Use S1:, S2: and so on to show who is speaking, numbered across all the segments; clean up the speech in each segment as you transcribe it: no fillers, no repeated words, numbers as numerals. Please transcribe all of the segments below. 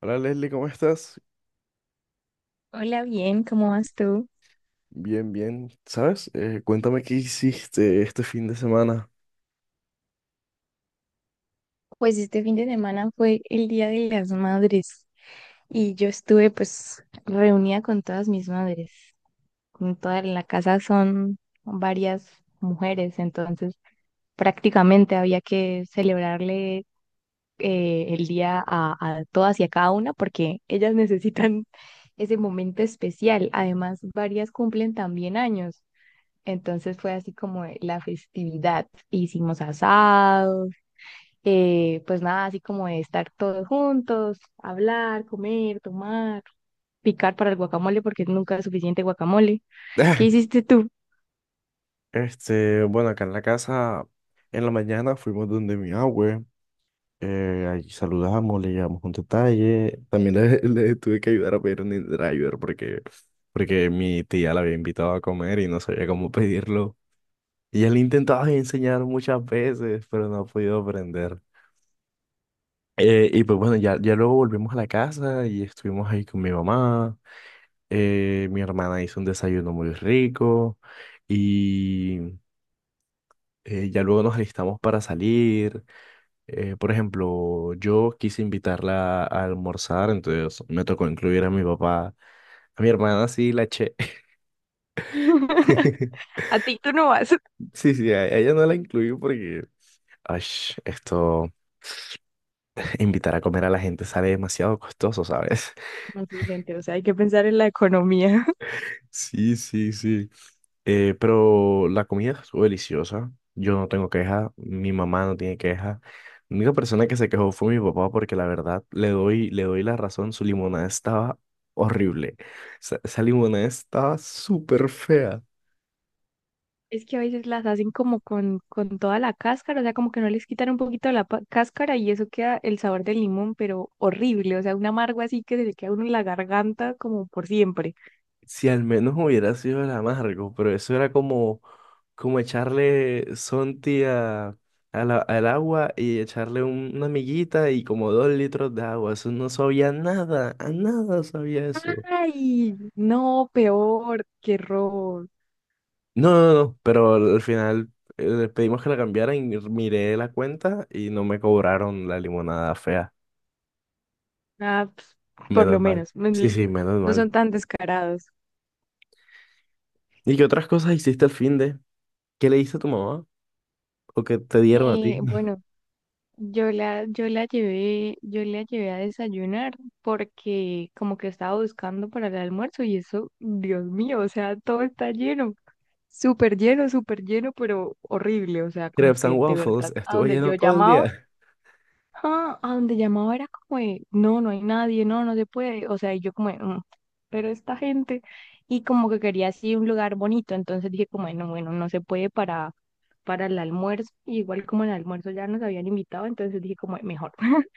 S1: Hola Leslie, ¿cómo estás?
S2: Hola, bien, ¿cómo vas tú?
S1: Bien, bien. ¿Sabes? Cuéntame qué hiciste este fin de semana.
S2: Pues este fin de semana fue el Día de las Madres y yo estuve pues reunida con todas mis madres. Con toda en la casa son varias mujeres, entonces prácticamente había que celebrarle el día a todas y a cada una porque ellas necesitan ese momento especial. Además, varias cumplen también años. Entonces fue así como la festividad. Hicimos asados pues nada, así como de estar todos juntos, hablar, comer, tomar, picar para el guacamole, porque nunca es suficiente guacamole. ¿Qué hiciste tú?
S1: Bueno, acá en la casa, en la mañana fuimos donde mi abue. Ahí saludamos, le llevamos un detalle. Le tuve que ayudar a pedir un driver porque mi tía la había invitado a comer y no sabía cómo pedirlo. Y él intentaba enseñar muchas veces, pero no ha podido aprender. Y pues bueno, ya luego volvimos a la casa y estuvimos ahí con mi mamá. Mi hermana hizo un desayuno muy rico y ya luego nos alistamos para salir. Por ejemplo, yo quise invitarla a almorzar, entonces me tocó incluir a mi papá. A mi hermana sí la eché.
S2: A ti tú no vas.
S1: Sí, sí, a ella no la incluí ash, esto, invitar a comer a la gente sale demasiado costoso, ¿sabes?
S2: No sé, gente, o sea, hay que pensar en la economía.
S1: Sí, sí, sí. Pero la comida estuvo deliciosa. Yo no tengo queja, mi mamá no tiene queja. La única persona que se quejó fue mi papá porque la verdad le doy la razón, su limonada estaba horrible. Esa limonada estaba súper fea.
S2: Es que a veces las hacen como con toda la cáscara, o sea, como que no les quitan un poquito la cáscara y eso queda el sabor del limón, pero horrible, o sea, un amargo así que se le queda a uno en la garganta como por siempre.
S1: Si al menos hubiera sido el amargo, pero eso era como, como echarle Sonti a, al agua y echarle una miguita y como dos litros de agua. Eso no sabía nada, a nada sabía eso.
S2: Ay, no, peor, qué horror.
S1: No, no, no, pero al final pedimos que la cambiaran y miré la cuenta y no me cobraron la limonada fea.
S2: Ah, pues, por lo
S1: Menos mal.
S2: menos,
S1: Sí, sí, menos
S2: no
S1: mal.
S2: son tan descarados.
S1: ¿Y qué otras cosas hiciste al fin de? ¿Qué le diste a tu mamá? ¿O qué te dieron a ti?
S2: Bueno, yo la llevé a desayunar porque como que estaba buscando para el almuerzo y eso, Dios mío, o sea, todo está lleno, súper lleno, súper lleno, pero horrible, o sea, como
S1: Crepes
S2: que
S1: and
S2: de
S1: Waffles,
S2: verdad,
S1: estuvo lleno todo el día.
S2: a donde llamaba era como de, no, no hay nadie, no, no se puede, o sea, y yo como de, "Mm, pero esta gente, y como que quería así un lugar bonito, entonces dije como, de, no, bueno, no se puede para el almuerzo, y igual como en el almuerzo ya nos habían invitado, entonces dije como, de, mejor,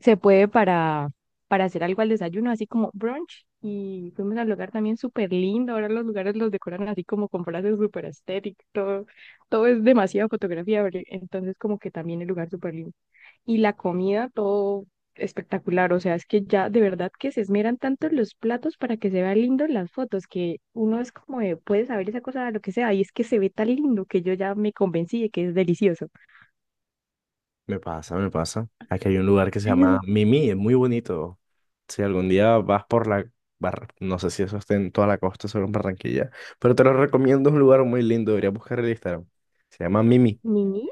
S2: se puede para, hacer algo al desayuno, así como brunch, y fuimos al lugar también súper lindo, ahora los lugares los decoran así como con frases súper estéticas, todo es demasiada fotografía, ¿verdad? Entonces como que también el lugar súper lindo. Y la comida, todo espectacular. O sea, es que ya de verdad que se esmeran tanto en los platos para que se vean lindos las fotos, que uno es como de, puede saber esa cosa, lo que sea, y es que se ve tan lindo que yo ya me convencí de que es delicioso.
S1: Me pasa, me pasa. Aquí hay un lugar que se llama Mimi, es muy bonito. Si algún día vas por la... Bar... No sé si eso está en toda la costa, solo en Barranquilla, pero te lo recomiendo, es un lugar muy lindo, deberías buscar el Instagram. Se llama Mimi.
S2: Mini,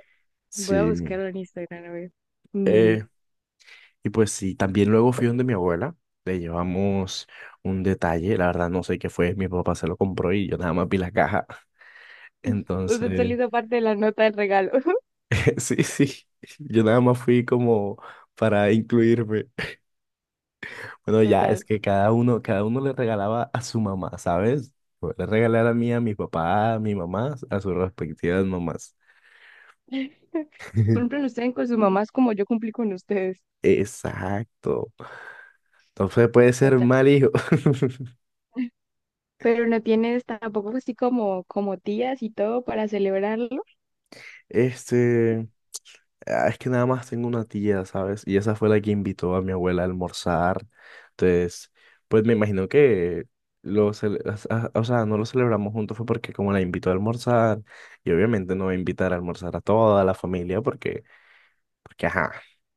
S2: voy a
S1: Sí.
S2: buscarlo en Instagram, a ver. Mini.
S1: Eh, y pues sí, también luego fui donde mi abuela, le llevamos un detalle, la verdad no sé qué fue, mi papá se lo compró y yo nada más vi la caja,
S2: Usted se le
S1: entonces,
S2: hizo parte de la nota del regalo.
S1: sí, sí, yo nada más fui como para incluirme. Bueno, ya es
S2: Total.
S1: que cada uno le regalaba a su mamá, ¿sabes? Yo le regalé a la mía, a mi papá, a mi mamá, a sus respectivas mamás.
S2: Cumplen ustedes con sus mamás como yo cumplí con ustedes.
S1: Exacto. Entonces puede ser
S2: Total.
S1: mal hijo.
S2: Pero no tienes tampoco así como tías y todo para celebrarlo.
S1: Este. Ah, es que nada más tengo una tía, ¿sabes? Y esa fue la que invitó a mi abuela a almorzar. Entonces, pues me imagino que lo cele- as- a- o sea, no lo celebramos juntos fue porque como la invitó a almorzar, y obviamente no va a invitar a almorzar a toda la familia porque ajá,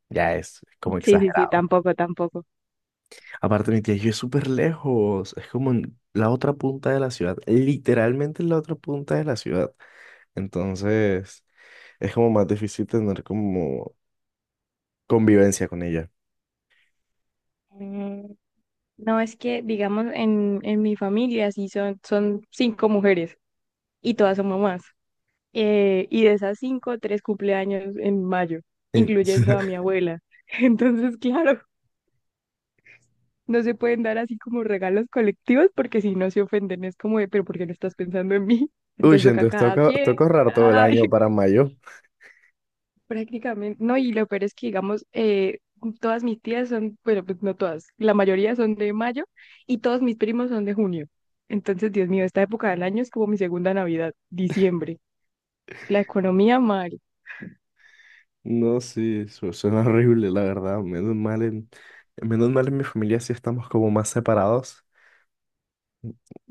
S1: ya es como
S2: Sí, sí, sí,
S1: exagerado.
S2: tampoco, tampoco.
S1: Aparte, mi tía y yo es súper lejos, es como en la otra punta de la ciudad, literalmente en la otra punta de la ciudad. Entonces, es como más difícil tener como convivencia con ella.
S2: Mm, no, es que, digamos, en mi familia sí son cinco mujeres y todas son mamás. Y de esas cinco, tres cumpleaños en mayo,
S1: En-
S2: incluyendo a mi abuela. Entonces, claro, no se pueden dar así como regalos colectivos porque si no se ofenden es como de, pero ¿por qué no estás pensando en mí?
S1: Uy,
S2: Entonces toca a
S1: entonces
S2: cada
S1: toca,
S2: quien.
S1: toca ahorrar todo el año para mayo.
S2: Prácticamente, no, y lo peor es que, digamos, todas mis tías son, bueno, pues no todas, la mayoría son de mayo y todos mis primos son de junio. Entonces, Dios mío, esta época del año es como mi segunda Navidad, diciembre. La economía mal.
S1: No, sí, suena horrible, la verdad. Menos mal en mi familia sí estamos como más separados.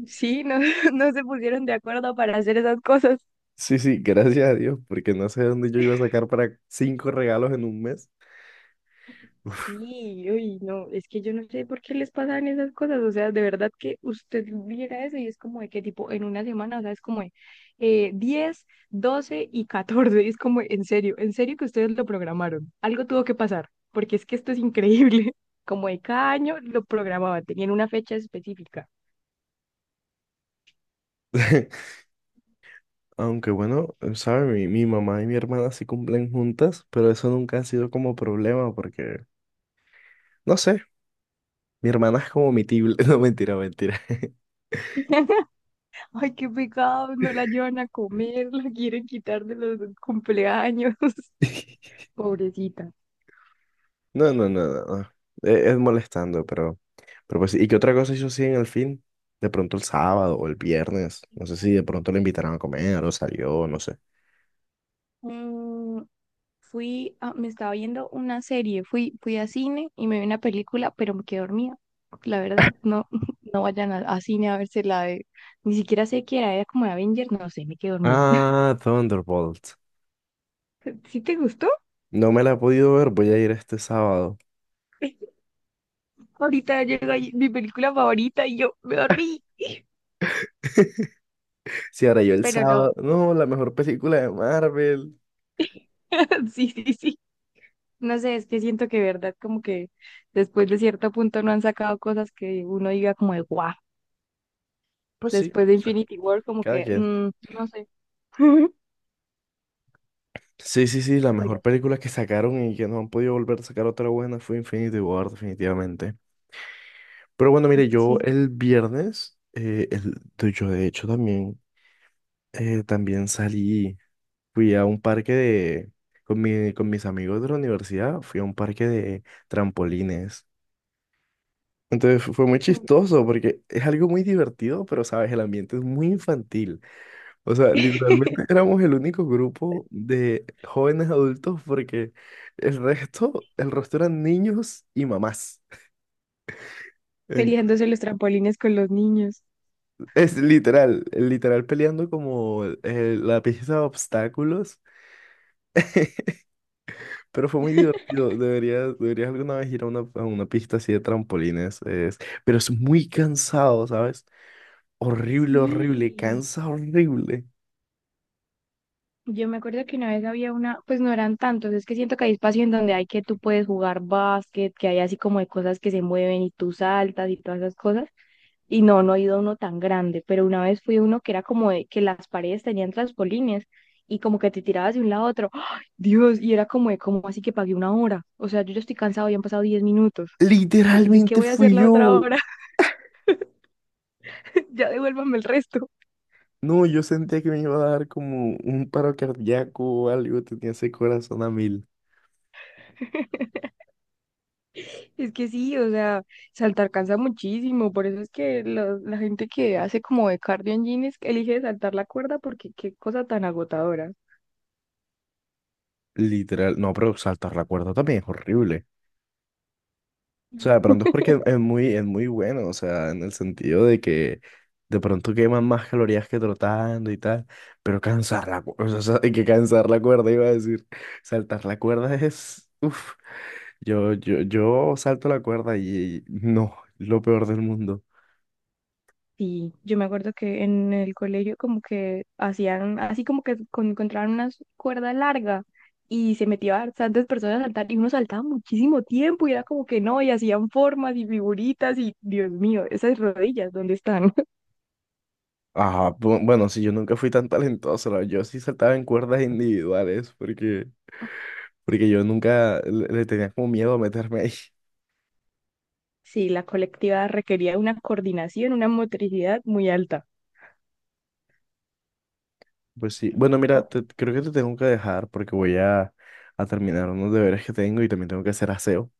S2: Sí, no, no se pusieron de acuerdo para hacer esas cosas.
S1: Sí, sí, gracias a Dios, porque no sé de dónde yo iba a sacar para cinco regalos en un mes. Uf.
S2: Sí, uy, no, es que yo no sé por qué les pasan esas cosas, o sea, de verdad que usted viera eso y es como de que tipo en una semana, o sea, es como de 10, 12 y 14, es como en serio que ustedes lo programaron, algo tuvo que pasar, porque es que esto es increíble, como de cada año lo programaban, tenían una fecha específica.
S1: Aunque bueno, sabe, mi mamá y mi hermana sí cumplen juntas, pero eso nunca ha sido como problema porque, no sé, mi hermana es como mi tible. No, mentira, mentira.
S2: Ay, qué pecado, no la llevan a comer, la quieren quitar de los cumpleaños, pobrecita.
S1: No, no, no, no. No. Es, molestando, pero pues, sí. ¿Y qué otra cosa hizo así en el fin? De pronto el sábado o el viernes. No sé si de pronto le invitaron a comer o salió, no sé.
S2: Mm, Fui, me estaba viendo una serie, fui a cine y me vi una película, pero me quedé dormida. La verdad, no, no vayan a cine a verse la de, ni siquiera sé qué era, era como de Avenger, no sé, me quedé dormida.
S1: Ah, Thunderbolt.
S2: ¿Sí te gustó?
S1: No me la he podido ver, voy a ir este sábado.
S2: Ahorita llega ahí mi película favorita y yo me dormí,
S1: Si ahora yo el
S2: pero no,
S1: sábado. No, la mejor película de Marvel.
S2: sí, sí, sí. No sé, es que siento que verdad como que después de cierto punto no han sacado cosas que uno diga como de guau.
S1: Pues sí,
S2: Después
S1: o
S2: de
S1: sea,
S2: Infinity War como
S1: cada
S2: que,
S1: quien.
S2: no sé.
S1: Sí, sí, sí, la mejor
S2: Pero
S1: película que sacaron y que no han podido volver a sacar otra buena fue Infinity War, definitivamente. Pero bueno, mire, yo
S2: sí,
S1: el viernes, yo de hecho también, también salí, fui a un parque de, con mi, con mis amigos de la universidad, fui a un parque de trampolines. Entonces fue muy chistoso porque es algo muy divertido, pero sabes, el ambiente es muy infantil. O sea, literalmente éramos el único grupo de jóvenes adultos porque el resto eran niños y mamás.
S2: peleándose los trampolines con los niños.
S1: Es literal, literal peleando como la pista de obstáculos, pero fue muy divertido. Deberías alguna vez ir a una pista así de trampolines, es, pero es muy cansado, ¿sabes? Horrible, horrible,
S2: Sí,
S1: cansa horrible.
S2: yo me acuerdo que una vez había una, pues no eran tantos, es que siento que hay espacio en donde hay que tú puedes jugar básquet, que hay así como de cosas que se mueven y tú saltas y todas esas cosas, y no he ido a uno tan grande, pero una vez fui a uno que era como de que las paredes tenían trampolines y como que te tirabas de un lado a otro, ¡ay, Dios! Y era como de, como así que pagué una hora, o sea, yo ya estoy cansado, ya han pasado 10 minutos, ¿de qué
S1: Literalmente
S2: voy a hacer
S1: fui
S2: la
S1: yo.
S2: otra hora? Ya devuélvame el resto.
S1: No, yo sentía que me iba a dar como un paro cardíaco o algo, tenía ese corazón a mil.
S2: Es que sí, o sea, saltar cansa muchísimo, por eso es que lo- la gente que hace como de cardio en jeans elige saltar la cuerda porque qué cosa tan agotadora.
S1: Literal, no, pero saltar la cuerda también es horrible. O sea, de pronto es porque es muy bueno, o sea, en el sentido de que de pronto queman más calorías que trotando y tal, pero cansar la cuerda, o sea, hay que cansar la cuerda, iba a decir, saltar la cuerda es, uff, yo salto la cuerda y no, lo peor del mundo.
S2: Sí, yo me acuerdo que en el colegio como que hacían, así como que encontraban una cuerda larga y se metía bastantes personas a saltar y uno saltaba muchísimo tiempo y era como que no, y hacían formas y figuritas y Dios mío, esas rodillas, ¿dónde están?
S1: Ajá, bueno, sí, yo nunca fui tan talentoso, yo sí saltaba en cuerdas individuales porque yo nunca le tenía como miedo a meterme ahí.
S2: Sí, la colectiva requería una coordinación, una motricidad muy alta.
S1: Pues sí. Bueno, mira, creo que te tengo que dejar porque voy a terminar unos deberes que tengo y también tengo que hacer aseo.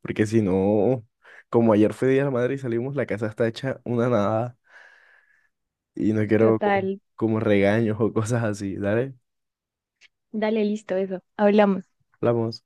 S1: Porque si no, como ayer fue Día de la Madre y salimos, la casa está hecha una nada y no quiero
S2: Total.
S1: como, como regaños o cosas así. Dale,
S2: Dale, listo, eso. Hablamos.
S1: hablamos.